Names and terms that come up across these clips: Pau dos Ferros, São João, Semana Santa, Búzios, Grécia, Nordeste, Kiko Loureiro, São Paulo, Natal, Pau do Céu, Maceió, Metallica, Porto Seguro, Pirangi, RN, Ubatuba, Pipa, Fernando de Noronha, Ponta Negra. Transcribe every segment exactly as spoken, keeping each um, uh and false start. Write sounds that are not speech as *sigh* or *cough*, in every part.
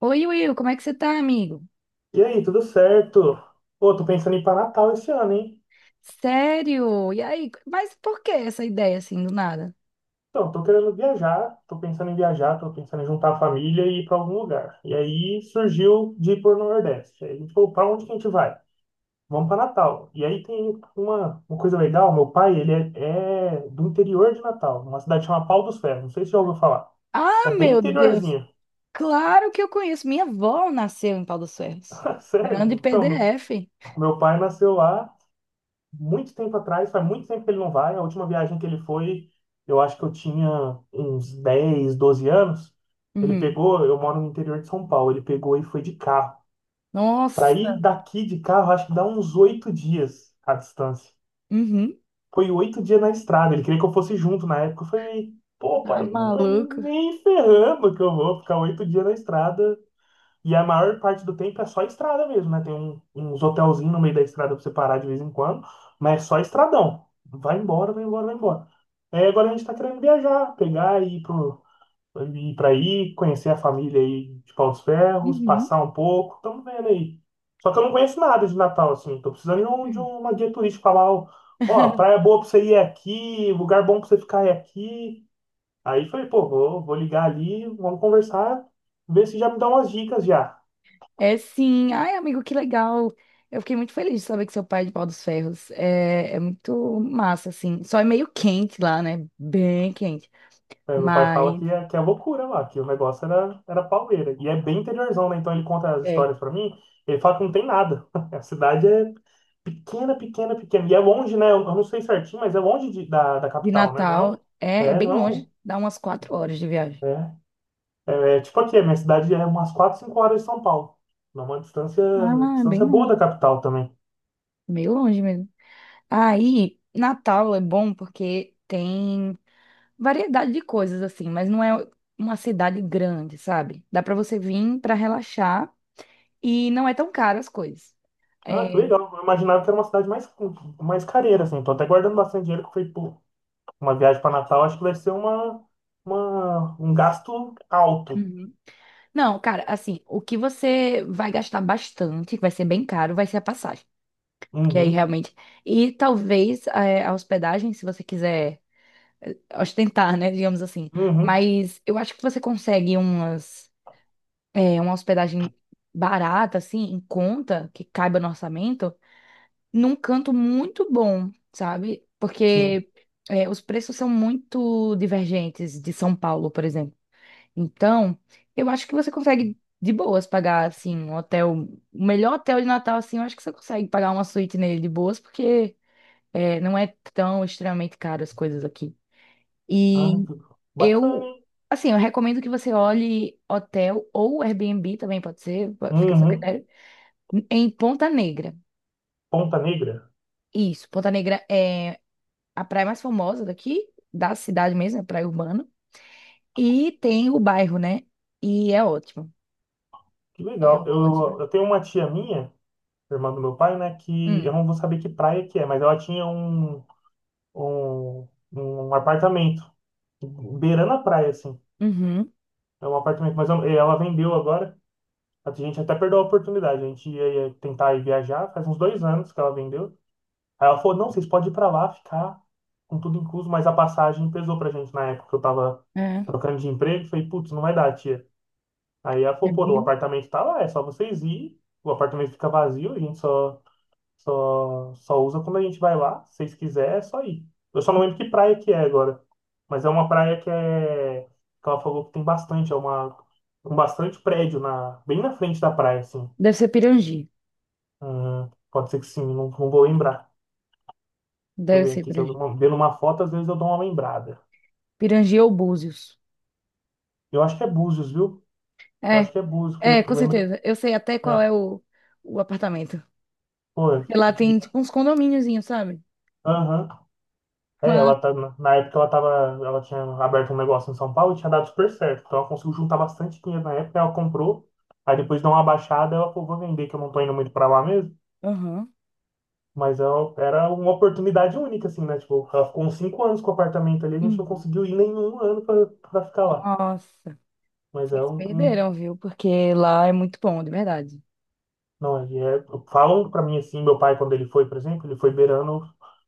Oi, Will, como é que você tá, amigo? E aí, tudo certo? Pô, tô pensando em ir pra Natal esse ano, hein? Sério? E aí? Mas por que essa ideia assim do nada? Então, tô querendo viajar, tô pensando em viajar, tô pensando em juntar a família e ir pra algum lugar. E aí surgiu de ir pro Nordeste. Aí a gente falou, pra onde que a gente vai? Vamos pra Natal. E aí tem uma, uma coisa legal, meu pai, ele é, é do interior de Natal, uma cidade chamada Pau dos Ferros, não sei se você já ouviu falar. É Ah, bem meu Deus! interiorzinho. Claro que eu conheço. Minha avó nasceu em Pau dos Ferros. *laughs* Grande Sério? Então, meu, P D F. meu pai nasceu lá muito tempo atrás, faz muito tempo que ele não vai. A última viagem que ele foi, eu acho que eu tinha uns dez doze anos. Ele Uhum. pegou, eu moro no interior de São Paulo, ele pegou e foi de carro. Para ir Nossa! daqui de carro, acho que dá uns oito dias a distância. Uhum. Foi oito dias na estrada, ele queria que eu fosse junto na época. Eu falei, pô, Tá pai, mas maluco? nem ferrando que eu vou ficar oito dias na estrada, e a maior parte do tempo é só estrada mesmo, né? Tem um- uns hotelzinhos no meio da estrada pra você parar de vez em quando, mas é só estradão. Vai embora, vai embora, vai embora. É, agora a gente tá querendo viajar, pegar e ir pro, ir pra aí, conhecer a família aí de Paus Ferros, Uhum. passar um pouco, estamos vendo aí. Só que eu não conheço nada de Natal, assim, tô precisando de, um, de Uhum. uma guia turística falar, ó, ó, praia *laughs* boa pra você ir é aqui, lugar bom pra você ficar é aqui. Aí falei, pô, vou, vou ligar ali, vamos conversar, ver se já me dá umas dicas já. É sim. Ai, amigo, que legal. Eu fiquei muito feliz de saber que seu pai é de Pau dos Ferros. É, é muito massa, assim. Só é meio quente lá, né? Bem quente. É, meu pai fala Mas. que é, que é loucura lá, que o negócio era, era pauleira. E é bem interiorzão, né? Então ele conta as É. histórias pra mim, ele fala que não tem nada. *laughs* A cidade é pequena, pequena, pequena. E é longe, né? Eu eu não sei certinho, mas é longe de- da, da De capital, né? Não é um. Natal é, é É, não bem é um. longe, dá umas quatro horas de viagem. É, é, é tipo aqui, a minha cidade é umas quatro cinco horas de São Paulo. Não é uma distância, Ah, é bem distância boa longe. da capital também. Meio longe mesmo. Aí, Natal é bom porque tem variedade de coisas assim, mas não é uma cidade grande, sabe? Dá pra você vir pra relaxar e não é tão caro as coisas. Ah, que É, legal. Eu imaginava que era uma cidade mais, mais careira, assim. Tô até guardando bastante dinheiro que foi. Uma viagem para Natal acho que vai ser uma, uma, um gasto alto. uhum. Não, cara, assim, o que você vai gastar bastante, que vai ser bem caro, vai ser a passagem. Porque aí Uhum, realmente. E talvez é, a hospedagem, se você quiser ostentar, né, digamos assim. uhum, Mas eu acho que você consegue umas, é, uma hospedagem barata, assim, em conta, que caiba no orçamento, num canto muito bom, sabe? sim. Porque é, os preços são muito divergentes de São Paulo, por exemplo. Então, eu acho que você consegue de boas pagar, assim, um hotel, o melhor hotel de Natal, assim, eu acho que você consegue pagar uma suíte nele de boas, porque é, não é tão extremamente caro as coisas aqui. Ah, E que bacana, eu, hein? assim, eu recomendo que você olhe hotel ou Airbnb também pode ser, pode- fica a seu Uhum. critério, em Ponta Negra. Ponta Negra. Isso, Ponta Negra é a praia mais famosa daqui, da cidade mesmo, é praia urbana. E tem o bairro, né? E é ótimo. Que É legal. Eu, ótimo. eu tenho uma tia minha, irmã do meu pai, né? Que eu Hum, não vou saber que praia que é, mas ela tinha um, um, um apartamento beirando a praia, assim. uhum, É um apartamento, mas eu- ela vendeu agora. A gente até perdeu a oportunidade. A gente ia, ia tentar ir viajar, faz uns dois anos que ela vendeu. Aí ela falou, não, vocês podem ir pra lá ficar com tudo incluso, mas a passagem pesou pra gente na época que eu tava é. trocando de emprego. Falei, putz, não vai dar, tia. Aí ela falou, pô, o Pirangi. apartamento tá lá, é só vocês ir. O apartamento fica vazio, a gente só, só, só usa quando a gente vai lá. Se vocês quiserem, é só ir. Eu só não lembro que praia que é agora. Mas é uma praia que é. Que ela falou que tem bastante, é uma. Um bastante prédio na, bem na frente da praia, assim. Deve ser Pirangi. Hum, pode ser que sim, não, não vou lembrar. Deixa eu Deve ver ser aqui, se eu ver Pirangi. uma- vendo uma foto, às vezes eu dou uma lembrada. Pirangi ou Búzios. Eu acho que é Búzios, viu? Eu É, acho que é Búzios, é, porque eu com lembro. certeza. Eu sei até qual É, é o, o apartamento. foi eu- Porque lá tem, tipo, uns condomíniozinhos, sabe? Aham. É, ela tá, na na época ela tava, ela tinha aberto um negócio em São Paulo e tinha dado super certo. Então ela conseguiu juntar bastante dinheiro na época, ela comprou. Aí depois deu uma baixada, ela falou, vou vender, que eu não tô indo muito pra lá mesmo. Aham. Mas ela, era uma oportunidade única, assim, né? Tipo, ela ficou uns cinco anos com o apartamento ali, a gente não Uhum. conseguiu ir nenhum ano pra, pra ficar lá. Nossa, Mas é vocês um, um. perderam, viu? Porque lá é muito bom, de verdade. Não, ele é, falam pra mim assim, meu pai quando ele foi, por exemplo, ele foi beirando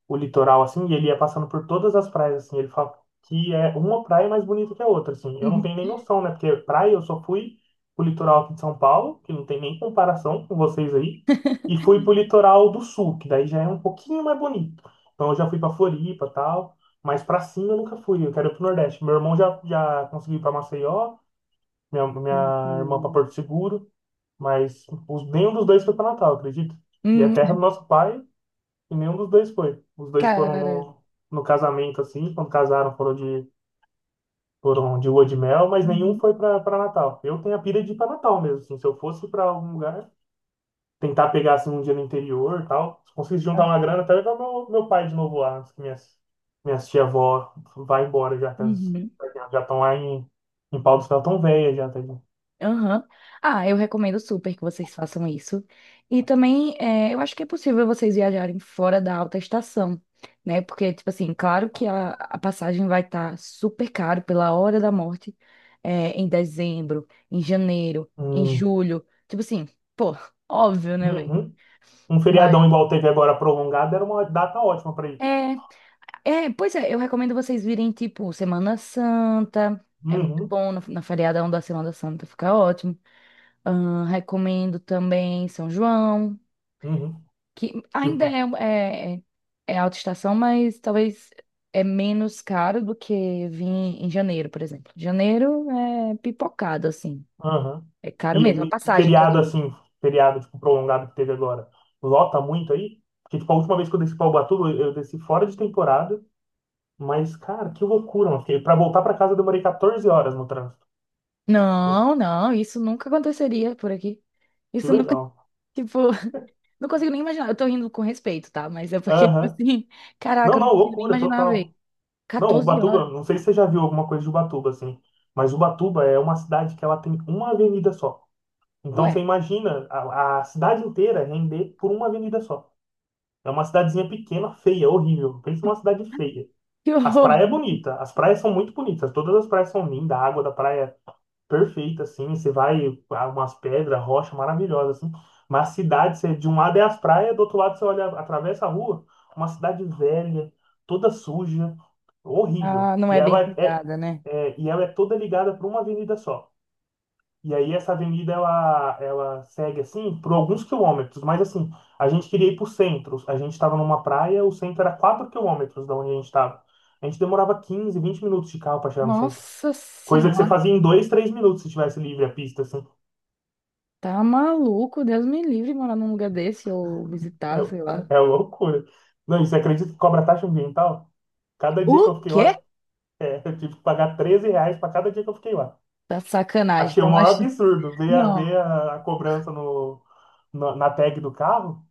o litoral assim, e ele ia passando por todas as praias assim, ele fala que é uma praia mais bonita que a outra assim. Eu não Uhum. tenho nem noção, né? Porque praia eu só fui pro litoral aqui de São Paulo, que não tem nem comparação com vocês aí, e fui pro litoral do sul, que daí já é um pouquinho mais bonito. Então eu já fui pra Floripa, tal, mas pra cima eu nunca fui, eu quero ir pro Nordeste. Meu irmão já já conseguiu ir pra Maceió, minha É muito minha irmã pra bom. Porto Seguro. Mas os- nenhum dos dois foi para Natal, acredito. E é terra Hum, do nosso pai, e nenhum dos dois foi. Os dois foram cara. no, no casamento, assim, quando casaram, foram de, foram de lua de mel, mas nenhum Uhum. foi para Natal. Eu tenho a pira de ir para Natal mesmo, assim, se eu fosse para algum lugar, tentar pegar assim, um dia no interior e tal, se conseguisse juntar uma Aham. grana, até levar meu, meu pai de novo lá, antes que minhas, minhas tia-avó vá embora, já que elas Uhum. já estão lá em, em Pau do Céu, tão velha já, tá ligado? Aham. Ah, eu recomendo super que vocês façam isso. E também, é, eu acho que é possível vocês viajarem fora da alta estação, né? Porque, tipo assim, claro que a, a passagem vai estar super caro pela hora da morte, é, em dezembro, em janeiro, em Hum, julho. Tipo assim, pô, óbvio, né, velho? uhum. Um Mas feriadão igual teve agora prolongado era uma data ótima para ir. é, é, pois é, eu recomendo vocês virem tipo Semana Santa. É muito Uhum, bom na, na, feriadão da Semana Santa, fica ótimo. Ahn, recomendo também São João, uhum. que E, ainda é, é, é alta estação, mas talvez é menos caro do que vir em janeiro, por exemplo. Janeiro é pipocado, assim. aham. É caro mesmo, a E, e passagem que eu feriado digo. assim, feriado tipo, prolongado que teve agora, lota muito aí? Porque tipo, a última vez que eu desci para Ubatuba, eu eu desci fora de temporada, mas cara, que loucura, mano. Para voltar para casa eu demorei quatorze horas no trânsito. Pô, Não, não, isso nunca aconteceria por aqui. que Isso nunca. *laughs* legal. Tipo, não consigo nem imaginar. Eu tô rindo com respeito, tá? Mas é porque, *laughs* tipo Aham. assim, Não, caraca, eu não não, consigo nem loucura imaginar total. ver. Não, Quatorze Ubatuba, não horas. sei se você já viu alguma coisa de Ubatuba assim, mas Ubatuba é uma cidade que ela tem uma avenida só. Então você Ué, imagina a, a cidade inteira render por uma avenida só. É uma cidadezinha pequena, feia, horrível. Pensa numa cidade feia. que As horror. praias é bonita, as praias são muito bonitas, todas as praias são lindas, a água da praia é perfeita, assim, você vai, há umas pedras, rocha maravilhosa, assim. Mas a cidade, você, de um lado é as praias, do outro lado você olha, atravessa a rua, uma cidade velha, toda suja, horrível. Ah, não E é bem ela é, é- cuidada, né? é, e ela é toda ligada por uma avenida só. E aí essa avenida ela, ela segue assim por alguns quilômetros, mas assim, a gente queria ir para o centro. A gente estava numa praia, o centro era quatro quilômetros da onde a gente estava. A gente demorava quinze vinte minutos de carro para chegar no centro. Nossa Coisa que você senhora, fazia em dois três minutos se tivesse livre a pista, assim. tá maluco? Deus me livre morar num lugar desse ou visitar, sei lá. É, é loucura. Não, e você acredita que cobra taxa ambiental? Cada O dia que eu fiquei quê? lá, é, eu tive que pagar treze reais para cada dia que eu fiquei lá. Tá sacanagem. Achei o Então, maior acho. absurdo ver a, Não. ver a, a cobrança no, na, na tag do carro.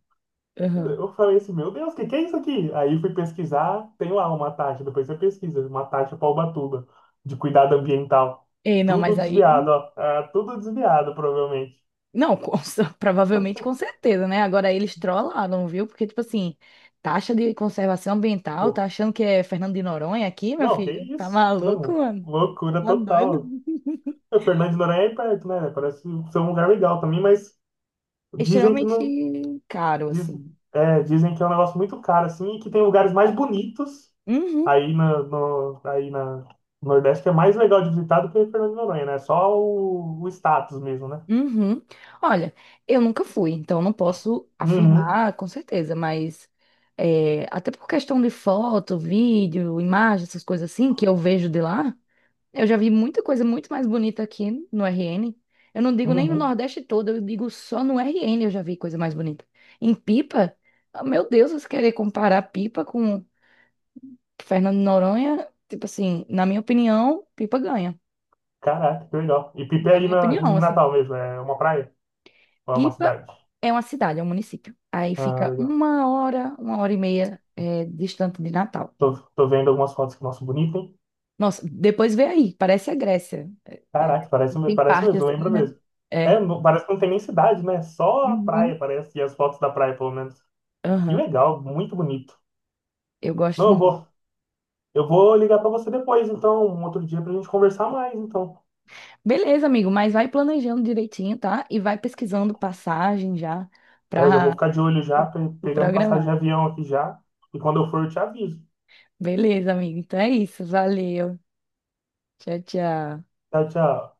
Aham. Eu falei assim, meu Deus, o que que é isso aqui? Aí fui pesquisar, tem lá uma taxa, depois você pesquisa, uma taxa para Ubatuba, de cuidado ambiental. Ei, não, Tudo mas aí. desviado, ó. Ah, tudo desviado, provavelmente. Não, com cer- *laughs* provavelmente com certeza, né? Agora eles trollaram, viu? Porque, tipo assim, taxa de conservação ambiental, tá Pô, achando que é Fernando de Noronha aqui, meu não, que filho? Tá isso? maluco, Não, mano? loucura Tá doido? total. *laughs* O Fernando de Noronha é aí perto, né? Parece ser um lugar legal também, mas dizem que não. Extremamente caro, diz- assim. É, dizem que é um negócio muito caro, assim, e que tem lugares mais bonitos. Uhum, Aí, na, no, aí na no Nordeste é mais legal de visitar do que Fernando de Noronha, né? Só o, o status mesmo, né? uhum. Olha, eu nunca fui, então não posso Uhum, afirmar com certeza, mas é, até por questão de foto, vídeo, imagem, essas coisas assim, que eu vejo de lá. Eu já vi muita coisa muito mais bonita aqui no R N. Eu não digo nem no uhum. Nordeste todo, eu digo só no R N eu já vi coisa mais bonita. Em Pipa, ah, meu Deus, você querer comparar Pipa com Fernando de Noronha, tipo assim, na minha opinião, Pipa ganha. Caraca, que legal. E Pipa é Na aí minha na, opinião, em assim, Natal mesmo, é uma praia ou é uma Pipa cidade? é uma cidade, é um município. Aí Ah, fica legal. uma hora, uma hora e meia eh, distante de Natal. Tô, tô vendo algumas fotos que nossa, bonito, hein? Nossa, depois vê aí, parece a Grécia. É, é, Caraca, parece, tem parece parte mesmo, assim, lembra né? mesmo. É, É. não- parece que não tem nem cidade, né? Só a praia, Uhum. parece, e as fotos da praia, pelo menos. Que Aham. legal, muito bonito. Eu Não, gosto eu vou, muito. eu vou ligar pra você depois, então, um outro dia pra gente conversar mais, então. Beleza, amigo, mas vai planejando direitinho, tá? E vai pesquisando passagem já É, eu já vou para ficar de olho já, pe- se pegando passagem de programar. avião aqui já. E quando eu for, eu te aviso. Beleza, amigo. Então é isso. Valeu. Tchau, tchau. Tchau, tchau.